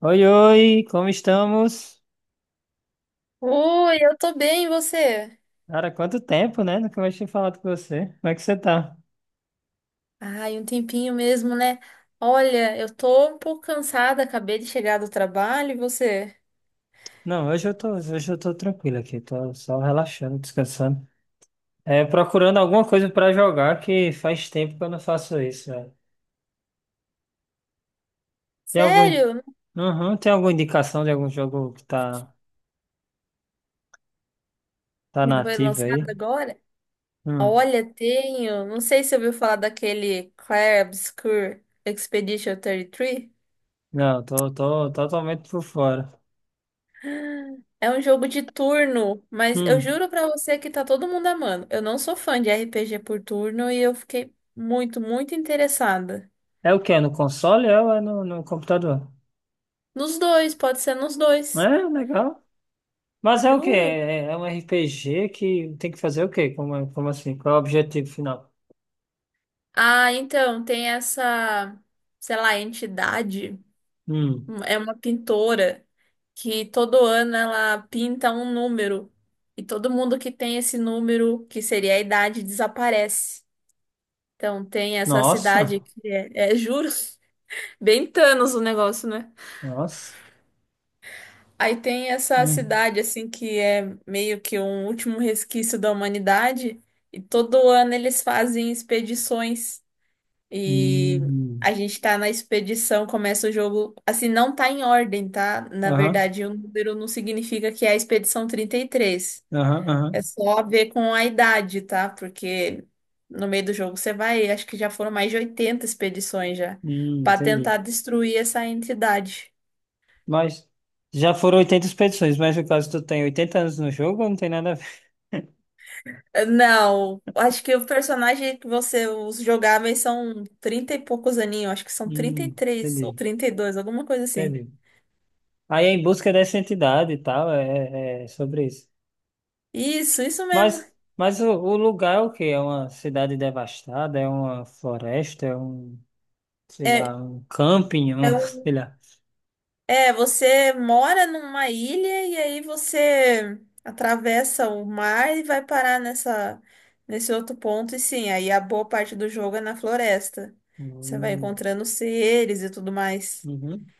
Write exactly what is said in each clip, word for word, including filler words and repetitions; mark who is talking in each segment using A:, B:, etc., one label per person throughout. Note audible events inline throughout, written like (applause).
A: Oi, oi, como estamos?
B: Oi, eu tô bem, e você?
A: Cara, quanto tempo, né? Nunca mais tinha falado com você. Como é que você tá?
B: Ai, um tempinho mesmo, né? Olha, eu tô um pouco cansada, acabei de chegar do trabalho, e você?
A: Não, hoje eu tô, hoje eu tô tranquilo aqui, tô só relaxando, descansando. É, procurando alguma coisa pra jogar que faz tempo que eu não faço isso, velho. Tem algum,
B: Sério?
A: uhum, tem alguma indicação de algum jogo que tá, tá na
B: Não, foi
A: ativa
B: lançado
A: aí?
B: agora?
A: Hum,
B: Olha, tenho. Não sei se você ouviu falar daquele Clair Obscur Expedition trinta e três.
A: não, tô, tô totalmente por fora.
B: É um jogo de turno, mas eu
A: Hum,
B: juro pra você que tá todo mundo amando. Eu não sou fã de R P G por turno e eu fiquei muito, muito interessada.
A: É o quê? É no console, É ou é no, no computador?
B: Nos dois, pode ser nos
A: É,
B: dois.
A: legal. Mas é o quê?
B: Juro.
A: É é um R P G que tem que fazer o quê? Como, é- como assim? Qual é o objetivo final?
B: Ah, então, tem essa, sei lá, entidade,
A: Hum.
B: um- é uma pintora que todo ano ela pinta um número, e todo mundo que tem esse número, que seria a idade, desaparece. Então, tem essa cidade
A: Nossa,
B: que é, é juro, (laughs) bem Thanos o negócio, né?
A: nossa.
B: Aí tem essa
A: Hum.
B: cidade, assim, que é meio que um último resquício da humanidade e todo ano eles fazem expedições. E
A: Hum.
B: a gente tá na expedição, começa o jogo. Assim, não tá em ordem, tá? Na
A: Aham,
B: verdade, o número não significa que é a expedição trinta e três.
A: aham,
B: É
A: aham.
B: só a ver com a idade, tá? Porque no meio do jogo você vai, acho que já foram mais de oitenta expedições já,
A: Hum,
B: pra
A: entendi.
B: tentar destruir essa entidade.
A: Mas já foram oitenta expedições, mas no caso tu tem oitenta anos no jogo, não tem nada a ver. (laughs)
B: Não, acho que o personagem que você, os jogáveis são trinta e poucos aninhos, acho que são trinta e
A: Hum,
B: três ou
A: Entendi,
B: trinta e dois, alguma coisa assim.
A: entendi. Aí é em busca dessa entidade e tal, é, é é sobre isso.
B: Isso, isso mesmo.
A: Mas, mas o, o lugar é o quê? É uma cidade devastada? É uma floresta? É um. Sei lá,
B: É,
A: um camping,
B: é,
A: um,
B: um
A: sei lá.
B: É, você mora numa ilha e aí você atravessa o mar e vai parar nessa, nesse outro ponto. E sim, aí a boa parte do jogo é na floresta. Você vai
A: Hum.
B: encontrando seres e tudo mais.
A: Uhum,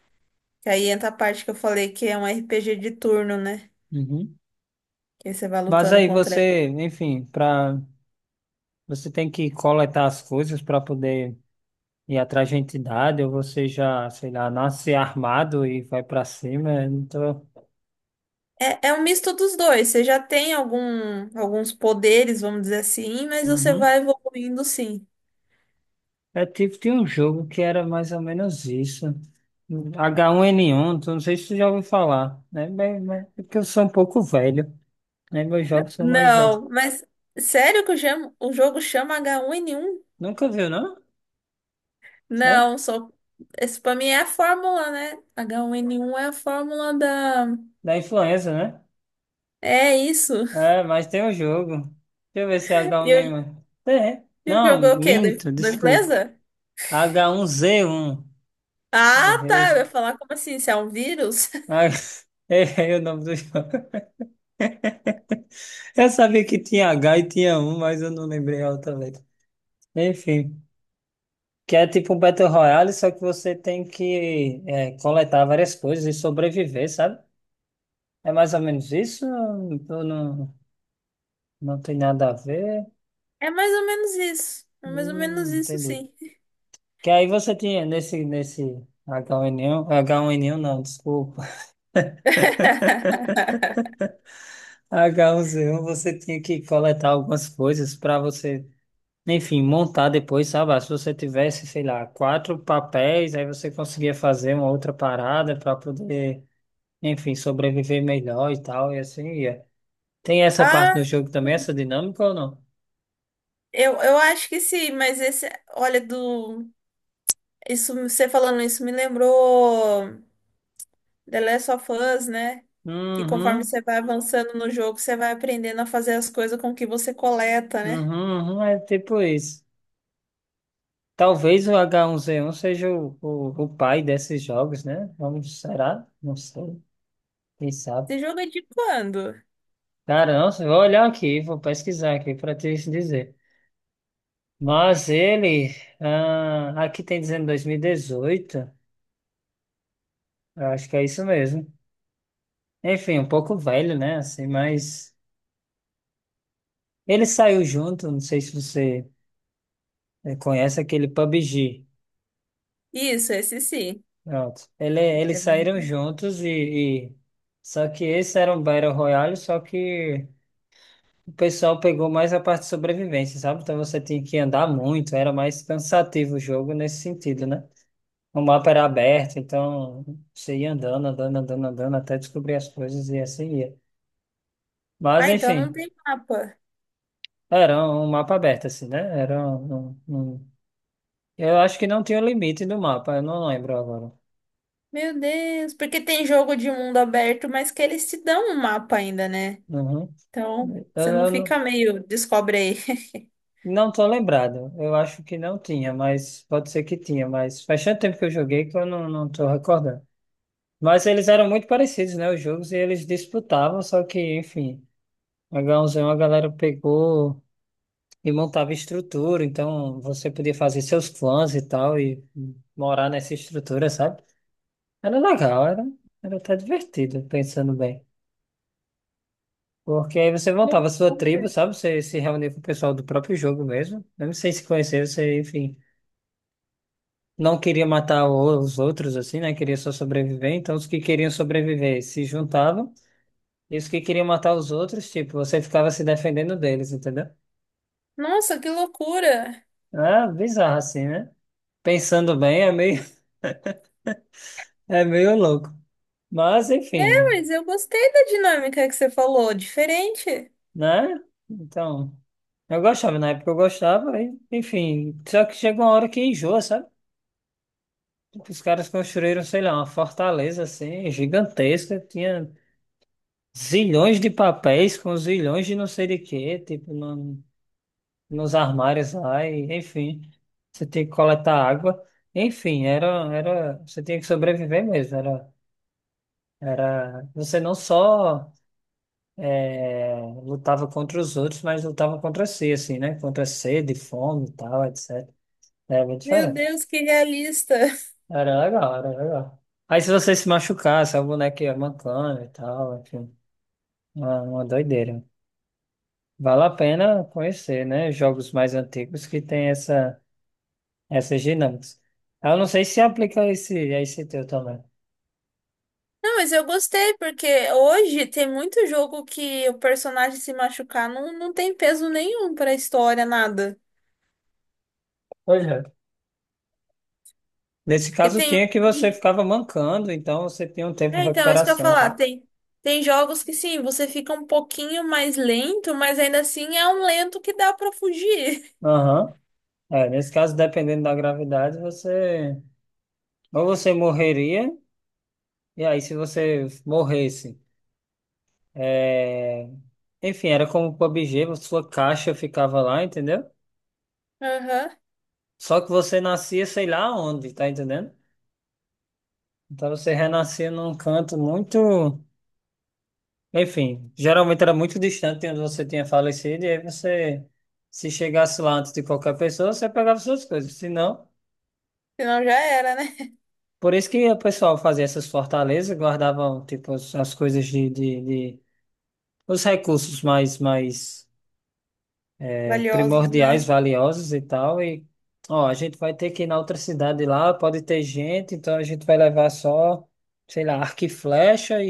B: E aí entra a parte que eu falei que é um R P G de turno, né?
A: uhum.
B: Que aí você vai
A: Mas
B: lutando
A: aí
B: contra ele.
A: você, enfim, para, você tem que coletar as coisas para poder ir atrás de entidade. Ou você já, sei lá, nasce armado e vai para cima. Então,
B: É, é um misto dos dois. Você já tem algum, alguns poderes, vamos dizer assim, mas você
A: uhum.
B: vai evoluindo, sim.
A: É tipo de um jogo que era mais ou menos isso. H um N um, tu não sei se tu já ouviu falar, né? Mas, mas é porque eu sou um pouco velho, né? Meus jogos são mais velhos.
B: Não, mas sério que o, jam- o jogo chama H um N um?
A: Nunca viu, não? Sério?
B: Não, sou. Esse pra mim é a fórmula, né? H um N um é a fórmula da...
A: Da influenza, né?
B: É isso. (laughs)
A: É, mas tem o jogo. Deixa eu ver se é h um
B: E eu,
A: Neymar. um. É.
B: eu
A: Não,
B: jogo é o quê? Do,
A: minto,
B: do
A: desculpa.
B: empresa?
A: H um Z um.
B: Ah,
A: Errei.
B: tá. Eu ia falar, como assim? Se é um vírus? (laughs)
A: Ah, (laughs) errei o nome do jogo. Eu sabia que tinha H e tinha um, mas eu não lembrei a outra letra. Enfim, que é tipo um Battle Royale, só que você tem que é, coletar várias coisas e sobreviver, sabe? É mais ou menos isso? Ou não, não tem nada a ver?
B: É mais ou menos isso. É mais ou
A: Hum,
B: menos isso,
A: entendi.
B: sim.
A: Que aí você tinha nesse, nesse H um N um, H um N um não, desculpa,
B: (laughs)
A: (laughs) H um Z um, você tinha que coletar algumas coisas para você, enfim, montar depois, sabe? Ah, se você tivesse, sei lá, quatro papéis, aí você conseguia fazer uma outra parada para poder, enfim, sobreviver melhor e tal, e assim ia. Tem essa
B: Ah,
A: parte do jogo também, essa dinâmica ou não?
B: eu, eu acho que sim, mas esse... Olha, do... Isso, você falando isso me lembrou. The Last of Us, né? Que conforme
A: Uhum,
B: você vai avançando no jogo, você vai aprendendo a fazer as coisas com o que você coleta, né?
A: uhum, uhum, é tipo isso. Talvez o H um Z um seja o, o, o pai desses jogos, né? Vamos, será? Não sei. Quem sabe?
B: Esse jogo é de quando?
A: Caramba, vou olhar aqui, vou pesquisar aqui para te dizer. Mas ele, ah, aqui tem dizendo dois mil e dezoito, eu acho que é isso mesmo. Enfim, um pouco velho, né? Assim, mas ele saiu junto, não sei se você eh, conhece aquele pabg.
B: Isso, esse sim.
A: Pronto. Ele,
B: Esse
A: eles
B: é
A: saíram
B: bem...
A: juntos. e, e- Só que esse era um Battle Royale, só que. O pessoal pegou mais a parte de sobrevivência, sabe? Então você tinha que andar muito, era mais cansativo o jogo nesse sentido, né? O mapa era aberto, então você ia andando, andando, andando, andando, até descobrir as coisas e assim ia. Mas
B: Ah, então não
A: enfim,
B: tem mapa.
A: era um mapa aberto, assim, né? Era um, um- um- Eu acho que não tinha limite do mapa, eu não lembro agora.
B: Meu Deus, porque tem jogo de mundo aberto, mas que eles te dão um mapa ainda, né?
A: Uhum.
B: Então,
A: Eu,
B: você não
A: eu
B: fica
A: não,
B: meio, descobre aí. (laughs)
A: não tô lembrado, eu acho que não tinha, mas pode ser que tinha, mas faz tanto tempo que eu joguei que eu não, não tô recordando. Mas eles eram muito parecidos, né? Os jogos e eles disputavam, só que, enfim, H um Z um a galera pegou e montava estrutura, então você podia fazer seus clãs e tal, e morar nessa estrutura, sabe? Era legal, era, era até divertido, pensando bem. Porque aí você montava a sua tribo,
B: Loucura.
A: sabe? Você se reunia com o pessoal do próprio jogo mesmo. Mesmo sem se conhecer, você, enfim, não queria matar o- os outros, assim, né? Queria só sobreviver. Então, os que queriam sobreviver se juntavam. Isso que queriam matar os outros, tipo, você ficava se defendendo deles, entendeu?
B: Nossa, que loucura!
A: É bizarro assim, né? Pensando bem, é meio, (laughs) é meio louco. Mas,
B: É,
A: enfim,
B: mas eu gostei da dinâmica que você falou, diferente.
A: né? Então, eu gostava, na época eu gostava, e, enfim. Só que chega uma hora que enjoa, sabe? Tipo, os caras construíram, sei lá, uma fortaleza assim, gigantesca, tinha zilhões de papéis com zilhões de não sei de quê, tipo, não. Nos armários lá, e, enfim, você tinha que coletar água. Enfim, era, era, você tinha que sobreviver mesmo. Era, era, você não só é, lutava contra os outros, mas lutava contra si, assim, né? Contra a sede, fome e tal, etcétera Era bem
B: Meu
A: diferente.
B: Deus, que realista.
A: Era legal, era legal. Aí se você se machucasse, a boneca ia mancando e tal, enfim, uma, uma doideira. Vale a pena conhecer, né? Jogos mais antigos que tem essa. essas dinâmicas. Eu não sei se aplica esse, esse teu também.
B: Não, mas eu gostei, porque hoje tem muito jogo que o personagem se machucar não, não tem peso nenhum pra história, nada.
A: Pois é. Nesse
B: Porque
A: caso,
B: tem. um,
A: tinha que você ficava mancando, então você tinha um tempo de
B: É, então, é isso que eu ia
A: recuperação,
B: falar.
A: então.
B: Tem, tem jogos que sim, você fica um pouquinho mais lento, mas ainda assim é um lento que dá pra fugir.
A: Aham. É, nesse caso, dependendo da gravidade, você... Ou você morreria, e aí se você morresse... é, Enfim, era como o pabg, sua caixa ficava lá, entendeu?
B: (laughs) Aham.
A: Só que você nascia sei lá onde, tá entendendo? Então você renascia num canto muito... Enfim, geralmente era muito distante de onde você tinha falecido, e aí você, se chegasse lá antes de qualquer pessoa, você pegava suas coisas. Se não,
B: Senão já era, né?
A: por isso que o pessoal fazia essas fortalezas, guardavam, tipo, as, as coisas de, de, de- os recursos mais, mais eh,
B: Valiosos,
A: primordiais,
B: né?
A: valiosos e tal, e, ó, a gente vai ter que ir na outra cidade lá, pode ter gente, então a gente vai levar só, sei lá, arco e flecha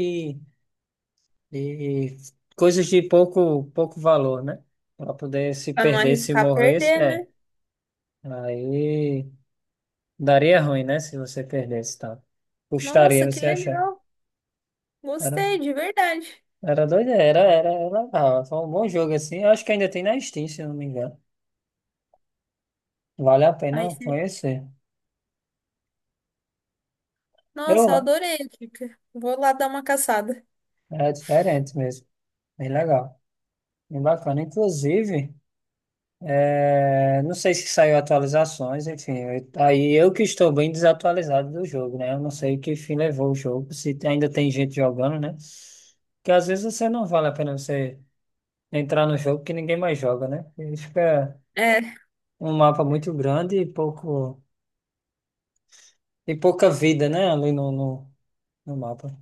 A: e coisas de pouco, pouco valor, né? Para poder se
B: Pra não
A: perder, se
B: arriscar
A: morresse,
B: perder,
A: é.
B: né?
A: Aí daria ruim, né? Se você perdesse, tá? Custaria
B: Nossa, que
A: você achar.
B: legal.
A: Era,
B: Gostei, de verdade.
A: era doido, era, era, era legal. Foi um bom jogo assim. Eu acho que ainda tem na Steam, se eu não me engano. Vale a
B: Aí,
A: pena
B: você-
A: conhecer. Eu
B: nossa, eu
A: lá.
B: adorei, Kika. Vou lá dar uma caçada.
A: É diferente mesmo. Bem legal. Bem bacana. Inclusive. É, não sei se saiu atualizações, enfim. eu- Aí eu que estou bem desatualizado do jogo, né? Eu não sei que fim levou o jogo, se ainda tem gente jogando, né? Porque às vezes você não vale a pena você entrar no jogo que ninguém mais joga, né? Ele fica
B: É.
A: um mapa muito grande e pouco e pouca vida, né? Ali no, no, no mapa.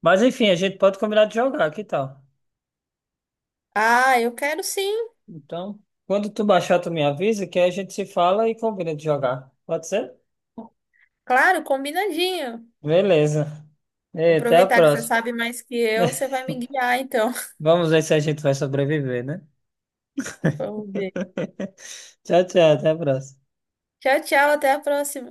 A: Mas enfim, a gente pode combinar de jogar, que tal?
B: Ah, eu quero, sim.
A: Então, quando tu baixar, tu me avisa que aí a gente se fala e combina de jogar. Pode ser?
B: Claro, combinadinho.
A: Beleza.
B: Vou
A: E até a
B: aproveitar que você
A: próxima.
B: sabe mais que eu, você
A: (laughs)
B: vai me guiar, então. (laughs)
A: Vamos ver se a gente vai sobreviver, né?
B: Vamos ver.
A: (laughs) Tchau, tchau, até a próxima.
B: Tchau, tchau, até a próxima.